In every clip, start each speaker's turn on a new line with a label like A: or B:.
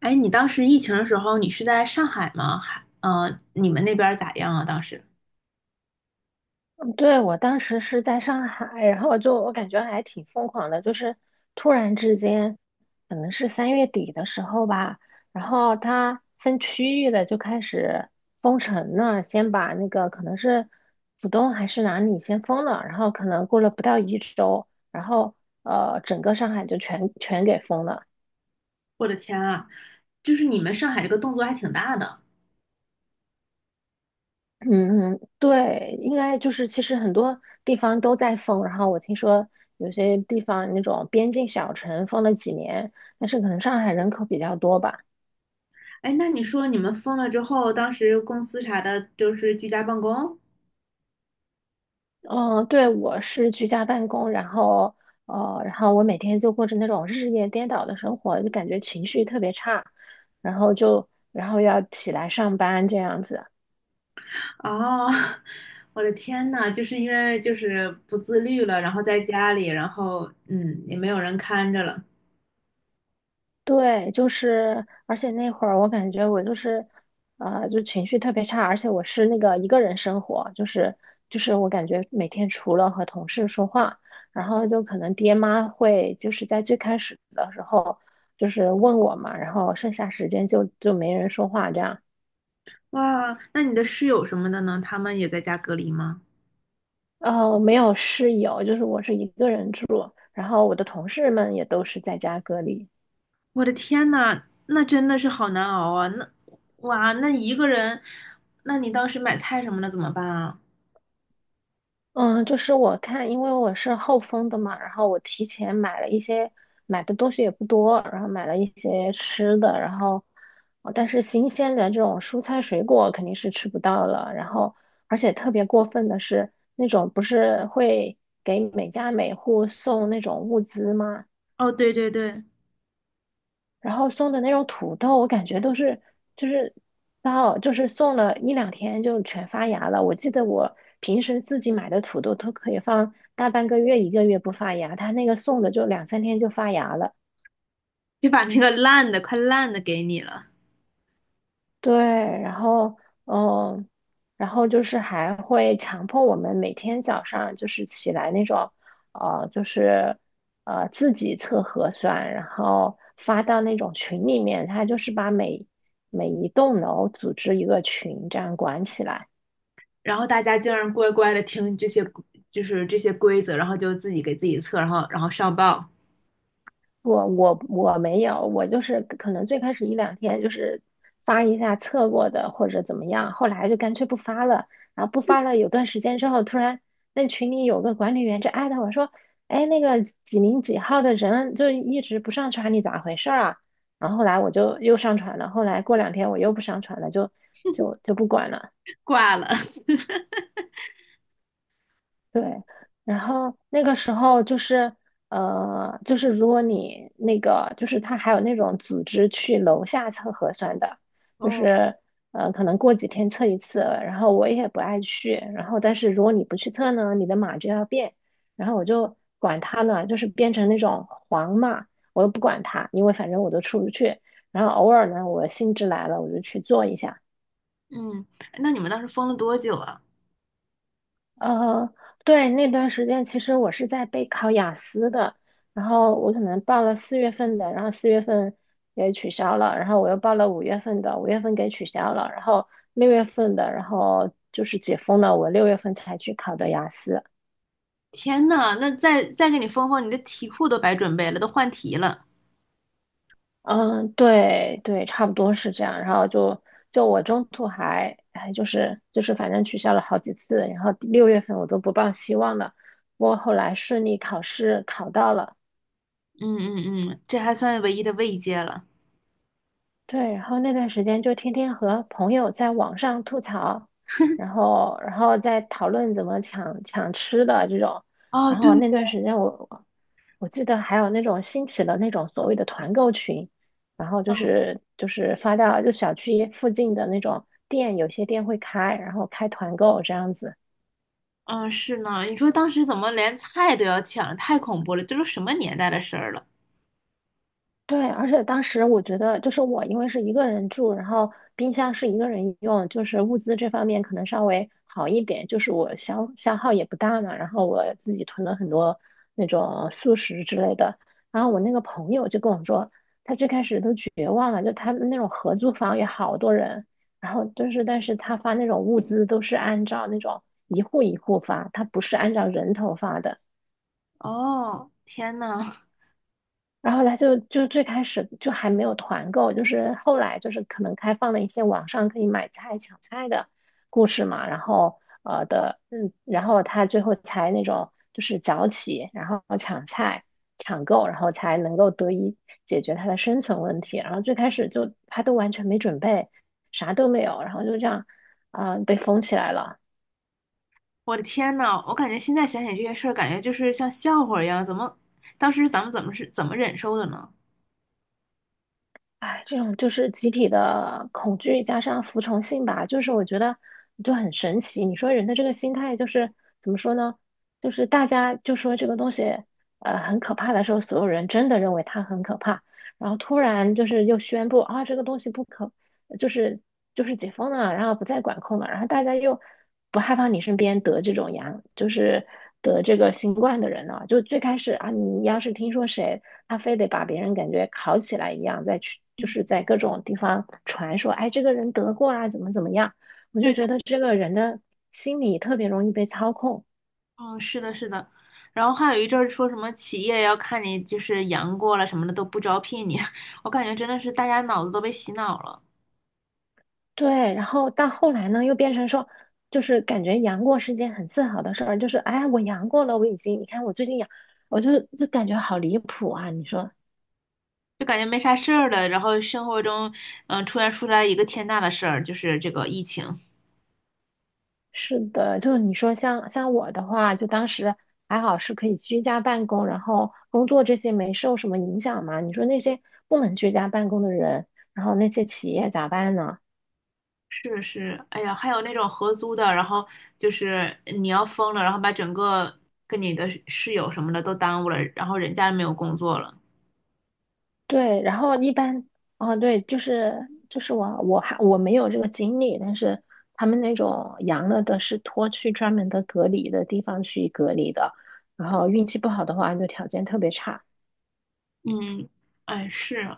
A: 哎，你当时疫情的时候，你是在上海吗？还，你们那边儿咋样啊？当时，
B: 对，我当时是在上海，然后就我感觉还挺疯狂的，就是突然之间，可能是3月底的时候吧，然后它分区域的就开始封城了，先把那个可能是浦东还是哪里先封了，然后可能过了不到一周，然后整个上海就全给封了。
A: 我的天啊，就是你们上海这个动作还挺大的。
B: 嗯，对，应该就是其实很多地方都在封，然后我听说有些地方那种边境小城封了几年，但是可能上海人口比较多吧。
A: 哎，那你说你们封了之后，当时公司啥的，就是居家办公？
B: 嗯，对，我是居家办公，然后然后我每天就过着那种日夜颠倒的生活，就感觉情绪特别差，然后就然后要起来上班这样子。
A: 哦，我的天呐，就是因为就是不自律了，然后在家里，然后，也没有人看着了。
B: 对，就是，而且那会儿我感觉我就是，就情绪特别差，而且我是那个一个人生活，就是我感觉每天除了和同事说话，然后就可能爹妈会就是在最开始的时候就是问我嘛，然后剩下时间就没人说话这样，
A: 哇，那你的室友什么的呢？他们也在家隔离吗？
B: 哦没有室友，就是我是一个人住，然后我的同事们也都是在家隔离。
A: 我的天呐，那真的是好难熬啊！那哇，那一个人，那你当时买菜什么的怎么办啊？
B: 嗯，就是我看，因为我是后封的嘛，然后我提前买了一些，买的东西也不多，然后买了一些吃的，然后，哦但是新鲜的这种蔬菜水果肯定是吃不到了，然后，而且特别过分的是，那种不是会给每家每户送那种物资吗？
A: 哦，对对对，
B: 然后送的那种土豆，我感觉都是就是到就是送了一两天就全发芽了。我记得我平时自己买的土豆都可以放大半个月、一个月不发芽，他那个送的就两三天就发芽了。
A: 就把那个烂的快烂的给你了，
B: 对，然后嗯，就是还会强迫我们每天早上就是起来那种，就是自己测核酸，然后发到那种群里面，他就是把每一栋楼组织一个群这样管起来。
A: 然后大家竟然乖乖的听这些就是这些规则，然后就自己给自己测，然后上报
B: 我没有，我就是可能最开始一两天就是发一下测过的或者怎么样，后来就干脆不发了。然后不发了有段时间之后，突然那群里有个管理员就艾特我说："哎，那个几零几号的人就一直不上传，你咋回事儿啊？"然后后来我就又上传了，后来过两天我又不上传了，就不管了。
A: 挂了。
B: 然后那个时候就是，就是如果你那个，就是他还有那种组织去楼下测核酸的，就
A: 哦，
B: 是，可能过几天测一次。然后我也不爱去，然后但是如果你不去测呢，你的码就要变。然后我就管他呢，就是变成那种黄码，我又不管他，因为反正我都出不去。然后偶尔呢，我兴致来了，我就去做一下。
A: 嗯，那你们当时封了多久啊？
B: 呃，对，那段时间其实我是在备考雅思的，然后我可能报了四月份的，然后四月份也取消了，然后我又报了五月份的，五月份给取消了，然后六月份的，然后就是解封了，我六月份才去考的雅思。
A: 天呐，那再给你封封，你的题库都白准备了，都换题了。
B: 嗯，对对，差不多是这样。然后我中途还哎，就是反正取消了好几次，然后六月份我都不抱希望了，不过后来顺利考试考到了。
A: 嗯嗯嗯，这还算唯一的慰藉了。
B: 对，然后那段时间就天天和朋友在网上吐槽，然后再讨论怎么抢吃的这种，
A: 哦，
B: 然
A: 对
B: 后那
A: 对。
B: 段时间我记得还有那种兴起的那种所谓的团购群，然后就
A: 嗯
B: 是就是发到就小区附近的那种店，有些店会开，然后开团购这样子。
A: 嗯，是呢，你说当时怎么连菜都要抢，太恐怖了，这都什么年代的事儿了？
B: 对，而且当时我觉得，就是我因为是一个人住，然后冰箱是一个人用，就是物资这方面可能稍微好一点，就是我消耗也不大嘛。然后我自己囤了很多那种速食之类的。然后我那个朋友就跟我说，他最开始都绝望了，就他们那种合租房有好多人，然后就是，但是他发那种物资都是按照那种一户一户发，他不是按照人头发的。
A: 哦，天呐，
B: 然后他最开始就还没有团购，就是后来就是可能开放了一些网上可以买菜抢菜的故事嘛，然后呃的嗯，然后他最后才那种就是早起，然后抢菜抢购，然后才能够得以解决他的生存问题。然后最开始就他都完全没准备，啥都没有，然后就这样被封起来了。
A: 我的天呐，我感觉现在想想这些事儿，感觉就是像笑话一样，怎么当时咱们怎么忍受的呢？
B: 哎，这种就是集体的恐惧加上服从性吧，就是我觉得就很神奇。你说人的这个心态就是怎么说呢？就是大家就说这个东西很可怕的时候，所有人真的认为它很可怕，然后突然就是又宣布啊这个东西不可就是就是解封了，然后不再管控了，然后大家又不害怕你身边得这种阳，就是得这个新冠的人了。就最开始啊，你要是听说谁，他非得把别人感觉烤起来一样，再去就
A: 嗯，
B: 是在各种地方传说，哎，这个人得过啊，怎么怎么样，我就
A: 对的，
B: 觉得这个人的心理特别容易被操控。
A: 嗯，是的，是的。然后还有一阵儿说什么企业要看你就是阳过了什么的都不招聘你，我感觉真的是大家脑子都被洗脑了，
B: 对，然后到后来呢，又变成说，就是感觉阳过是件很自豪的事儿，就是哎，我阳过了，我已经，你看我最近阳，我就感觉好离谱啊！你说
A: 就感觉没啥事儿了，然后生活中突然出来一个天大的事儿，就是这个疫情。
B: 是的，就你说像我的话，就当时还好是可以居家办公，然后工作这些没受什么影响嘛。你说那些不能居家办公的人，然后那些企业咋办呢？
A: 是是，哎呀，还有那种合租的，然后就是你要疯了，然后把整个跟你的室友什么的都耽误了，然后人家没有工作了。
B: 对，然后一般，哦，对，就是我没有这个经历，但是他们那种阳了的是拖去专门的隔离的地方去隔离的，然后运气不好的话就条件特别差。
A: 嗯，哎是，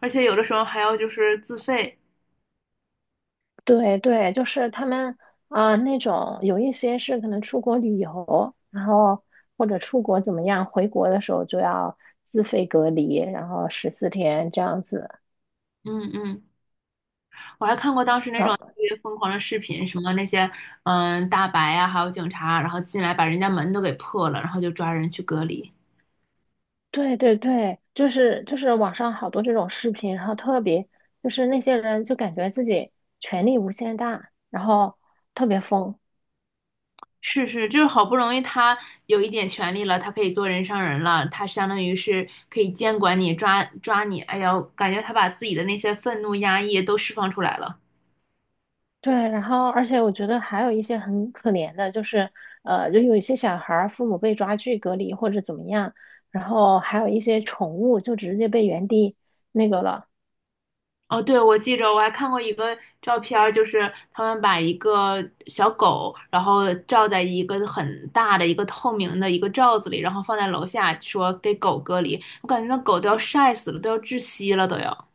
A: 而且有的时候还要就是自费。
B: 对对，就是他们那种有一些是可能出国旅游，然后或者出国怎么样，回国的时候就要自费隔离，然后14天这样子。
A: 嗯嗯，我还看过当时那种特别疯狂的视频，什么那些大白啊，还有警察，然后进来把人家门都给破了，然后就抓人去隔离。
B: 对对对，就是网上好多这种视频，然后特别就是那些人就感觉自己权力无限大，然后特别疯。
A: 是是，就是好不容易他有一点权利了，他可以做人上人了，他相当于是可以监管你、抓抓你。哎呀，感觉他把自己的那些愤怒、压抑都释放出来了。
B: 对，然后而且我觉得还有一些很可怜的，就是就有一些小孩儿父母被抓去隔离或者怎么样，然后还有一些宠物就直接被原地那个了。
A: 哦，对，我记着我还看过一个照片儿，就是他们把一个小狗，然后罩在一个很大的一个透明的一个罩子里，然后放在楼下，说给狗隔离。我感觉那狗都要晒死了，都要窒息了，都要。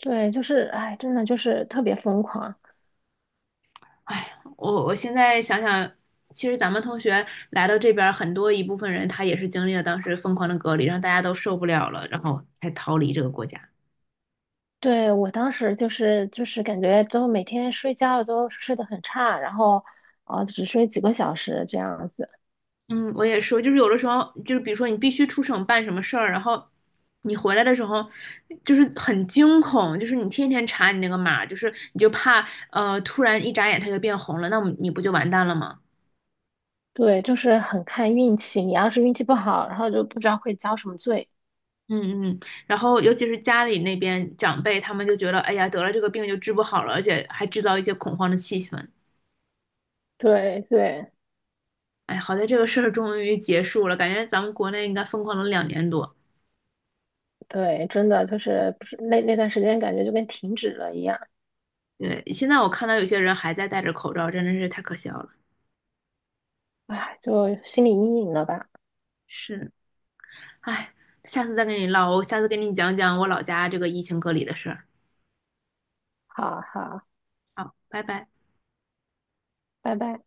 B: 对，就是哎，真的就是特别疯狂。
A: 哎呀我现在想想，其实咱们同学来到这边儿，很多一部分人他也是经历了当时疯狂的隔离，让大家都受不了了，然后才逃离这个国家。
B: 对，我当时就是感觉都每天睡觉都睡得很差，然后只睡几个小时这样子。
A: 嗯，我也说，就是有的时候，就是比如说你必须出省办什么事儿，然后你回来的时候，就是很惊恐，就是你天天查你那个码，就是你就怕突然一眨眼它就变红了，那我们你不就完蛋了吗？
B: 对，就是很看运气，你要是运气不好，然后就不知道会遭什么罪。
A: 嗯嗯，然后尤其是家里那边长辈，他们就觉得，哎呀，得了这个病就治不好了，而且还制造一些恐慌的气氛。
B: 对对
A: 哎，好在这个事儿终于结束了，感觉咱们国内应该疯狂了2年多。
B: 对，真的就是不是那那段时间感觉就跟停止了一样，
A: 对，现在我看到有些人还在戴着口罩，真的是太可笑了。
B: 哎，就心理阴影了吧。
A: 是，哎，下次再跟你唠，我下次跟你讲讲我老家这个疫情隔离的事儿。
B: 好好，
A: 好，拜拜。
B: 拜拜。